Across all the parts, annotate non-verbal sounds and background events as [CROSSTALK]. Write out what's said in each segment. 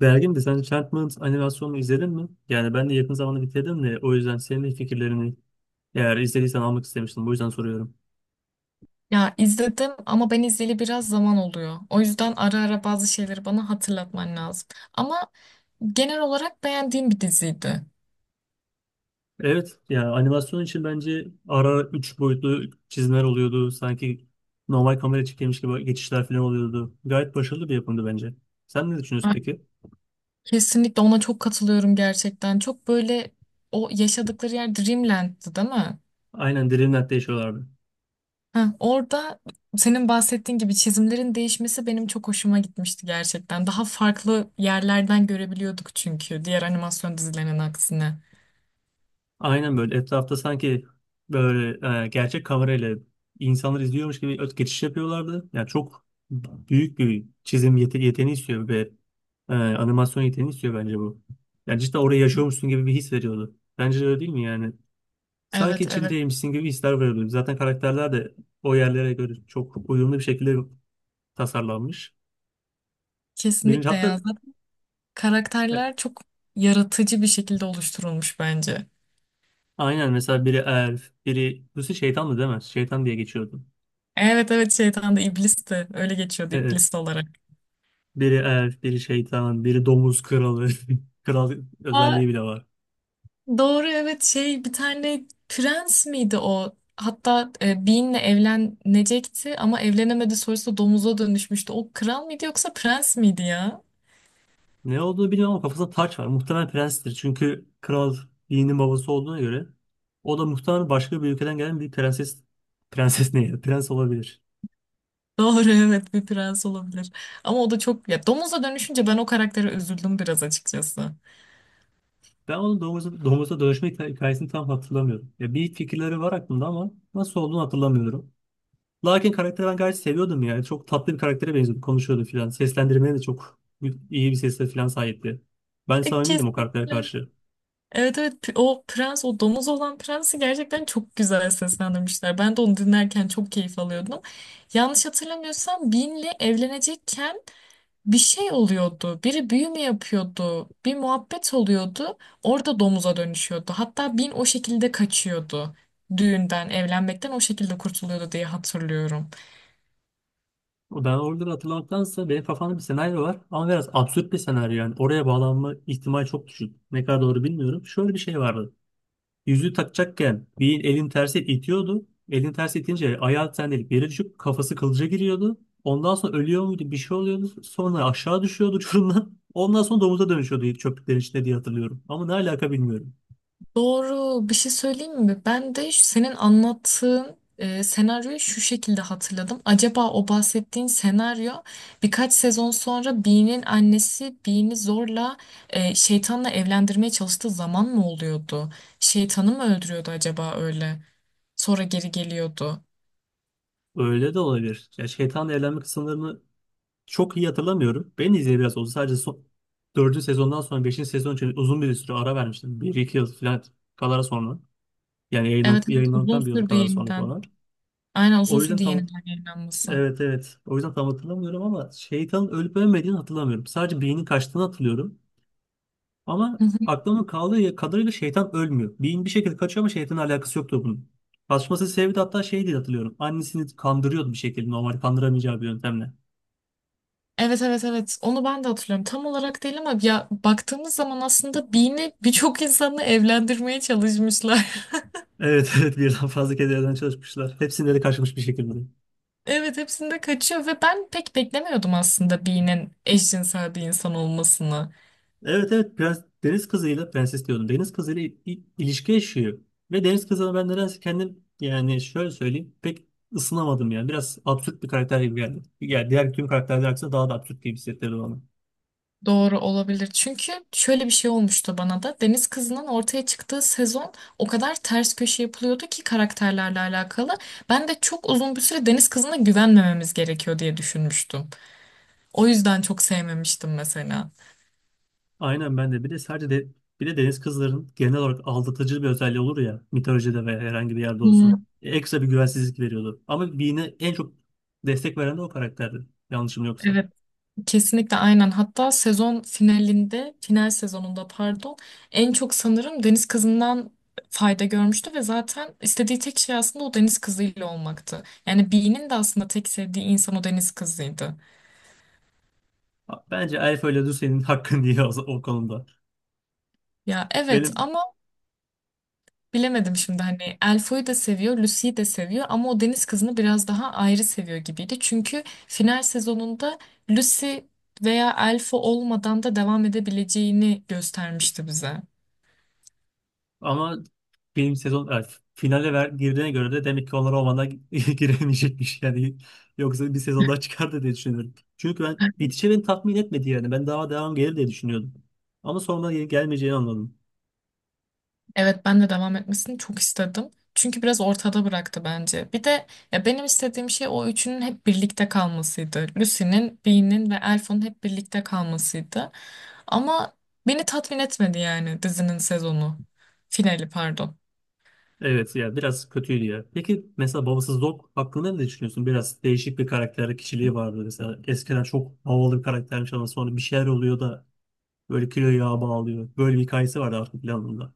Bergin de sen Enchantment animasyonunu izledin mi? Yani ben de yakın zamanda bitirdim de o yüzden senin de fikirlerini eğer izlediysen almak istemiştim. Bu yüzden soruyorum. Ya izledim ama ben izleyeli biraz zaman oluyor. O yüzden ara ara bazı şeyleri bana hatırlatman lazım. Ama genel olarak beğendiğim bir diziydi. Evet, yani animasyon için bence ara ara 3 boyutlu çizimler oluyordu. Sanki normal kamera çekilmiş gibi geçişler falan oluyordu. Gayet başarılı bir yapımdı bence. Sen ne düşünüyorsun Ay, peki? Kesinlikle ona çok katılıyorum gerçekten. Çok böyle o yaşadıkları yer Dreamland'dı değil mi? Aynen, Dreamland'de yaşıyorlardı. Orada senin bahsettiğin gibi çizimlerin değişmesi benim çok hoşuma gitmişti gerçekten. Daha farklı yerlerden görebiliyorduk çünkü diğer animasyon dizilerinin aksine. Aynen, böyle etrafta sanki böyle gerçek kamerayla insanlar izliyormuş gibi öt geçiş yapıyorlardı. Yani çok büyük bir çizim yeteneği istiyor ve animasyon yeteneği istiyor bence bu. Yani cidden orayı yaşıyormuşsun gibi bir his veriyordu. Bence de öyle değil mi yani? Sanki Evet evet içindeymişsin gibi hisler veriyordu. Zaten karakterler de o yerlere göre çok uyumlu bir şekilde tasarlanmış. Birinci kesinlikle hatta ya. e, Karakterler çok yaratıcı bir şekilde oluşturulmuş bence. aynen, mesela biri elf, biri Lucy şeytandı değil mi? Şeytan diye geçiyordu. Evet evet şeytan da iblis de öyle geçiyordu Evet. iblis olarak. Biri elf, biri şeytan, biri domuz kralı. [LAUGHS] Kral Aa, özelliği bile var. doğru evet şey bir tane prens miydi o? Hatta Bean'le evlenecekti ama evlenemedi sonrasında domuza dönüşmüştü. O kral mıydı yoksa prens miydi ya? Ne olduğunu bilmiyorum ama kafasında taç var. Muhtemelen prenstir. Çünkü kral Yiğit'in babası olduğuna göre o da muhtemelen başka bir ülkeden gelen bir prenses ne ya? Prens olabilir. Doğru [LAUGHS] evet bir prens olabilir. Ama o da çok ya domuza dönüşünce ben o karaktere üzüldüm biraz açıkçası. Ben onun domuza dönüşme hikayesini tam hatırlamıyorum. Ya bir fikirleri var aklımda ama nasıl olduğunu hatırlamıyorum. Larkin karakteri ben gayet seviyordum yani. Çok tatlı bir karaktere benziyordu. Konuşuyordu filan. Seslendirmeye de çok iyi bir sesle filan sahipti. Ben samimiydim o karaktere Kesinlikle. karşı. Evet evet o prens o domuz olan prensi gerçekten çok güzel seslendirmişler. Ben de onu dinlerken çok keyif alıyordum. Yanlış hatırlamıyorsam Bean'le evlenecekken bir şey oluyordu. Biri büyü mü yapıyordu? Bir muhabbet oluyordu. Orada domuza dönüşüyordu. Hatta Bin o şekilde kaçıyordu. Düğünden, evlenmekten o şekilde kurtuluyordu diye hatırlıyorum. O ben oraları hatırlamaktansa benim kafamda bir senaryo var ama biraz absürt bir senaryo yani. Oraya bağlanma ihtimali çok düşük. Ne kadar doğru bilmiyorum. Şöyle bir şey vardı. Yüzüğü takacakken bir elin tersi itiyordu. Elin tersi itince ayağı sendelik yere düşüp kafası kılıca giriyordu. Ondan sonra ölüyor muydu bir şey oluyordu. Sonra aşağı düşüyordu [LAUGHS] uçurumdan. Ondan sonra domuza dönüşüyordu çöplüklerin içinde diye hatırlıyorum. Ama ne alaka bilmiyorum. Doğru. Bir şey söyleyeyim mi? Ben de senin anlattığın senaryoyu şu şekilde hatırladım. Acaba o bahsettiğin senaryo birkaç sezon sonra Bee'nin annesi Bee'ni zorla şeytanla evlendirmeye çalıştığı zaman mı oluyordu? Şeytanı mı öldürüyordu acaba öyle? Sonra geri geliyordu. Öyle de olabilir. Ya şeytanla evlenme kısımlarını çok iyi hatırlamıyorum. Ben de izleyeli biraz oldu. 4. sezondan sonra beşinci sezon için uzun bir süre ara vermiştim. Bir iki yıl falan kadar sonra. Yani Evet, evet uzun yayınlandıktan bir yıl sürdü kadar sonra yeniden. falan. Aynen uzun O yüzden sürdü tam yeniden yayınlanması. Evet, evet. O yüzden tam hatırlamıyorum ama şeytanın ölüp ölmediğini hatırlamıyorum. Sadece beynin kaçtığını hatırlıyorum. Ama aklımda kaldığı kadarıyla şeytan ölmüyor. Beyin bir şekilde kaçıyor ama şeytanın alakası yoktu bunun. Kaçması sebebi de hatta şey diye hatırlıyorum. Annesini kandırıyordu bir şekilde normal kandıramayacağı bir yöntemle. Evet evet evet onu ben de hatırlıyorum. Tam olarak değil ama ya baktığımız zaman aslında Bean'i birçok insanla evlendirmeye çalışmışlar. [LAUGHS] Evet, [LAUGHS] evet, birden fazla kez evden çalışmışlar. Hepsinde de kaçmış bir şekilde. Evet hepsinde kaçıyor ve ben pek beklemiyordum aslında Bean'in eşcinsel bir insan olmasını. Evet evet, deniz kızıyla prenses diyordum. Deniz kızıyla ilişki yaşıyor. Ve deniz kızına ben nedense kendim yani şöyle söyleyeyim pek ısınamadım yani. Biraz absürt bir karakter gibi geldi. Yani diğer tüm karakterler aksine daha da absürt gibi hissettirdi bana. Doğru olabilir. Çünkü şöyle bir şey olmuştu bana da. Deniz Kızı'nın ortaya çıktığı sezon o kadar ters köşe yapılıyordu ki karakterlerle alakalı. Ben de çok uzun bir süre Deniz Kızı'na güvenmememiz gerekiyor diye düşünmüştüm. O yüzden çok sevmemiştim mesela. Aynen, ben de bir de deniz kızların genel olarak aldatıcı bir özelliği olur ya mitolojide veya herhangi bir yerde olsun. Hmm, Ekstra bir güvensizlik veriyordu. Ama Bean'e en çok destek veren de o karakterdi. Yanlışım yoksa. evet. Kesinlikle aynen. Hatta sezon finalinde, final sezonunda pardon, en çok sanırım deniz kızından fayda görmüştü ve zaten istediği tek şey aslında o deniz kızıyla olmaktı. Yani Bee'nin de aslında tek sevdiği insan o deniz kızıydı. Bence Elf ile Lucy'nin hakkını diye [LAUGHS] o konuda. Ya evet Benim ama bilemedim şimdi hani Elfo'yu da seviyor, Lucy'yi de seviyor ama o deniz kızını biraz daha ayrı seviyor gibiydi. Çünkü final sezonunda Lucy veya Elfo olmadan da devam edebileceğini göstermişti bize. Ama film sezon yani girdiğine göre de demek ki onlar o [LAUGHS] giremeyecekmiş yani. Yoksa bir sezon daha çıkardı diye düşünüyorum. Çünkü ben bitişi beni tatmin etmedi yani. Ben daha devam gelir diye düşünüyordum. Ama sonra gelmeyeceğini anladım. Evet ben de devam etmesini çok istedim. Çünkü biraz ortada bıraktı bence. Bir de ya benim istediğim şey o üçünün hep birlikte kalmasıydı. Lucy'nin, Bean'in ve Elf'in hep birlikte kalmasıydı. Ama beni tatmin etmedi yani dizinin sezonu. Finali pardon. Evet ya, biraz kötüydü ya. Peki mesela babasız Dog hakkında ne düşünüyorsun? Biraz değişik bir karakter kişiliği vardı mesela. Eskiden çok havalı bir karaktermiş ama sonra bir şeyler oluyor da böyle kilo yağa bağlıyor. Böyle bir hikayesi vardı artık planında.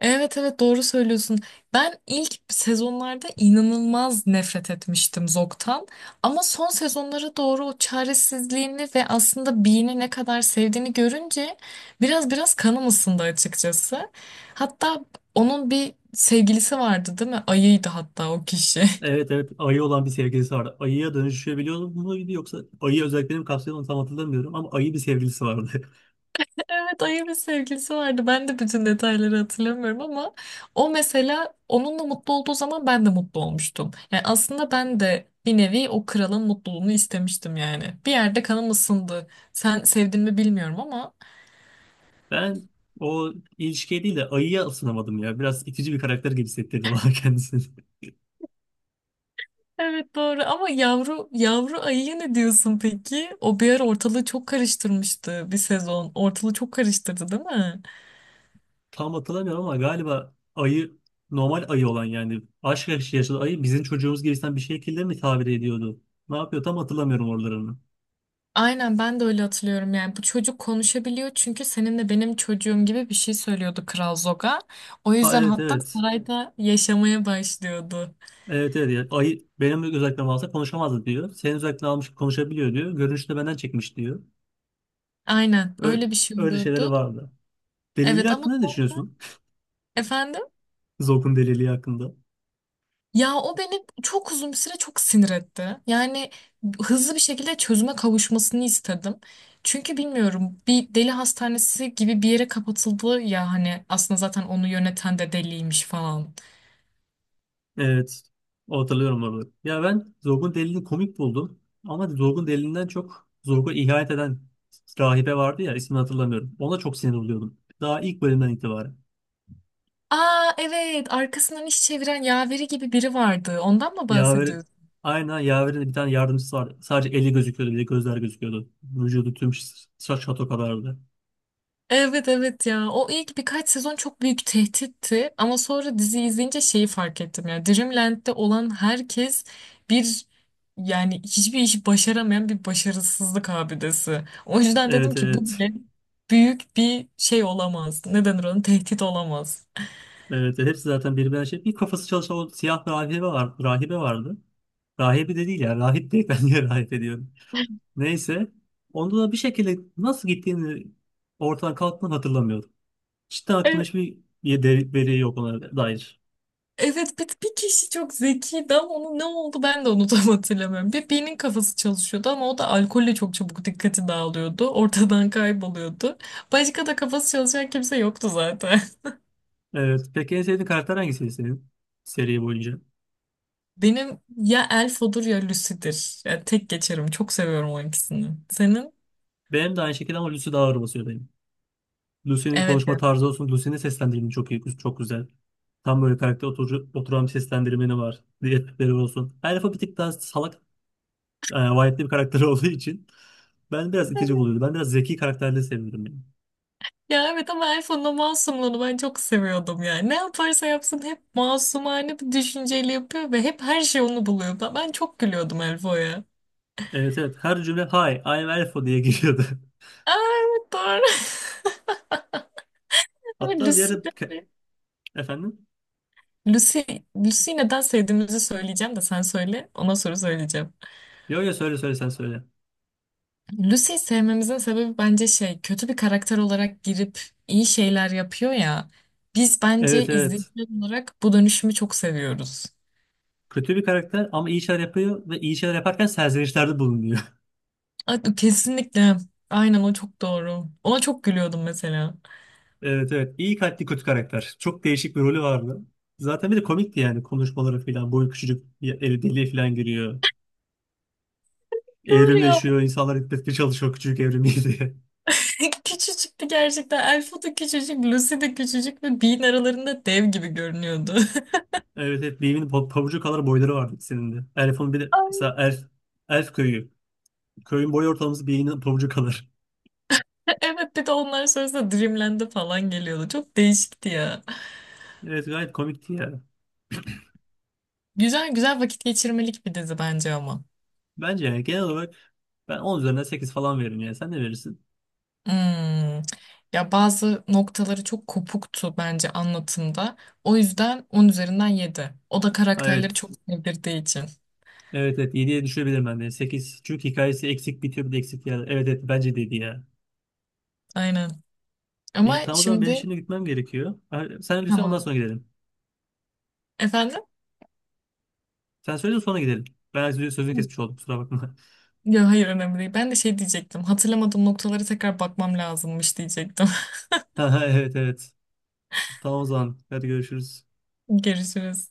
Evet evet doğru söylüyorsun. Ben ilk sezonlarda inanılmaz nefret etmiştim Zog'tan. Ama son sezonlara doğru o çaresizliğini ve aslında Bean'i ne kadar sevdiğini görünce biraz kanım ısındı açıkçası. Hatta onun bir sevgilisi vardı değil mi? Ayıydı hatta o kişi. [LAUGHS] Evet evet, ayı olan bir sevgilisi vardı. Ayıya dönüşebiliyor muydu yoksa ayı özelliklerini mi kapsıyordu onu tam hatırlamıyorum ama ayı bir sevgilisi vardı. [LAUGHS] Evet ayı bir sevgilisi vardı. Ben de bütün detayları hatırlamıyorum ama o mesela onunla mutlu olduğu zaman ben de mutlu olmuştum. Yani aslında ben de bir nevi o kralın mutluluğunu istemiştim yani. Bir yerde kanım ısındı. Sen sevdin mi bilmiyorum ama. Ben o ilişkiye değil de ayıya ısınamadım ya. Biraz itici bir karakter gibi hissettirdi bana [LAUGHS] kendisini. Evet doğru ama yavru yavru ayıya ne diyorsun peki? O bir ara ortalığı çok karıştırmıştı bir sezon. Ortalığı çok karıştırdı değil mi? Tam hatırlamıyorum ama galiba ayı normal ayı olan yani aşk yaşlı yaşlı ayı bizim çocuğumuz gibisinden bir şekilde mi tabir ediyordu? Ne yapıyor tam hatırlamıyorum oralarını. Aynen ben de öyle hatırlıyorum yani bu çocuk konuşabiliyor çünkü senin de benim çocuğum gibi bir şey söylüyordu Kral Zoga. O Ha yüzden evet, hatta evet. sarayda yaşamaya başlıyordu. Evet evet. Ya, ayı benim özellikle alsa konuşamazdı diyor. Senin özellikle almış konuşabiliyor diyor. Görünüşte benden çekmiş diyor. Aynen Öyle, öyle bir şey öyle şeyleri oluyordu. vardı. Delili Evet ama hakkında ne düşünüyorsun? efendim? [LAUGHS] Zog'un deliliği hakkında. Ya o beni çok uzun bir süre çok sinir etti. Yani hızlı bir şekilde çözüme kavuşmasını istedim. Çünkü bilmiyorum bir deli hastanesi gibi bir yere kapatıldı ya hani aslında zaten onu yöneten de deliymiş falan. Evet. O hatırlıyorum orada. Ya ben Zog'un delilini komik buldum. Ama Zog'un delilinden çok Zog'a ihanet eden rahibe vardı ya, ismini hatırlamıyorum. Ona çok sinir oluyordum. Daha ilk bölümden itibaren. Aa evet arkasından iş çeviren yaveri gibi biri vardı. Ondan mı Yaver, bahsediyorsun? aynen Yaver'in de bir tane yardımcısı vardı. Sadece eli gözüküyordu, bir de gözler gözüküyordu. Vücudu tüm saç şato kadardı. Evet evet ya o ilk birkaç sezon çok büyük tehditti ama sonra dizi izleyince şeyi fark ettim ya Dreamland'de olan herkes bir, yani hiçbir işi başaramayan bir başarısızlık abidesi. O yüzden dedim Evet, ki bu evet. bile büyük bir şey olamaz. Ne denir onun tehdit olamaz. Evet, evet. Hepsi zaten birbirine şey. Bir kafası çalışan o siyah rahibe var. Rahibe vardı. Rahibe de değil ya. Rahip değil, [LAUGHS] ben niye rahip ediyorum. Neyse. Onda da bir şekilde nasıl gittiğini ortadan kalktığını hatırlamıyorum. Cidden aklımda hiçbir veri yok ona dair. Evet bir kişi çok zekiydi ama onun ne oldu ben de onu [LAUGHS] tam hatırlamıyorum. Bir birinin kafası çalışıyordu ama o da alkolle çok çabuk dikkati dağılıyordu. Ortadan kayboluyordu. Başka da kafası çalışan kimse yoktu zaten. Evet. Peki en sevdiğin karakter hangisiydi senin seri boyunca? [LAUGHS] Benim ya Elf olur ya Lucy'dir. Yani tek geçerim. Çok seviyorum o ikisini. Senin? Benim de aynı şekilde ama Lucy daha ağır basıyor benim. Lucy'nin Evet konuşma ya. tarzı olsun. Lucy'nin seslendirimi çok iyi, çok güzel. Tam böyle karakter oturan bir seslendirmeni var. Diyetleri olsun. Elf'a bir tık daha salak, vahitli bir karakter [LAUGHS] olduğu için ben biraz itici buluyordum. Ben biraz zeki karakterleri seviyorum yani. Ya evet ama Elf'in o masumluğunu ben çok seviyordum yani. Ne yaparsa yapsın hep masumane bir düşünceyle yapıyor ve hep her şey onu buluyor. Ben çok gülüyordum Elfo'ya. Evet, evet. Her cümle hi, I'm Elfo diye giriyordu. Aa, evet doğru. [LAUGHS] [LAUGHS] Ama Hatta bir ara efendim? Lucy, Lucy'yi neden sevdiğimizi söyleyeceğim de sen söyle, ona soru söyleyeceğim. Yo yo, söyle sen söyle. Lucy'yi sevmemizin sebebi bence şey, kötü bir karakter olarak girip iyi şeyler yapıyor ya. Biz Evet, bence evet. izleyiciler olarak bu dönüşümü çok seviyoruz. Kötü bir karakter ama iyi şeyler yapıyor ve iyi şeyler yaparken serzenişlerde bulunuyor. Kesinlikle. Aynen o çok doğru. Ona çok gülüyordum mesela. Evet, evet. İyi kalpli kötü karakter. Çok değişik bir rolü vardı. Zaten bir de komikti yani konuşmaları falan. Boyu küçücük bir eli deliğe falan giriyor. Doğru ya. Evrimleşiyor. İnsanlar etmeye çalışıyor küçücük evrimi diye. [LAUGHS] [LAUGHS] Küçücüktü gerçekten. Elfo da küçücük, Lucy de küçücük ve Bean aralarında dev gibi görünüyordu. Evet, evet. Beam'in pabucu kadar boyları vardı ikisinin de. Elf'in bir de [LAUGHS] mesela Elf köyü. Köyün boy ortalaması Beam'in pabucu kadar. [LAUGHS] [LAUGHS] Evet bir de onların sırasında Dreamland'e falan geliyordu. Çok değişikti ya. Evet, gayet komikti ya. Güzel güzel vakit geçirmelik bir dizi bence ama. Bence yani genel olarak ben 10 üzerinden 8 falan veririm ya. Sen ne verirsin? Hmm. Ya bazı noktaları çok kopuktu bence anlatımda. O yüzden 10 üzerinden 7. O da Ha, karakterleri çok evet. sevdirdiği için. Evet evet, 7'ye düşebilirim ben de. Sekiz çünkü hikayesi eksik bitiyor bir de eksik yer. Evet evet, bence dedi ya. Aynen. Ama İyi tamam, o zaman benim şimdi şimdi gitmem gerekiyor. Sen önce söyle ondan tamam. sonra gidelim. Efendim? Sen söyle de sonra gidelim. Ben sözünü kesmiş oldum, kusura bakma. Ya hayır önemli değil. Ben de şey diyecektim. Hatırlamadığım noktalara tekrar bakmam lazımmış diyecektim. [LAUGHS] Evet, evet. Tamam o zaman. Hadi görüşürüz. [LAUGHS] Görüşürüz.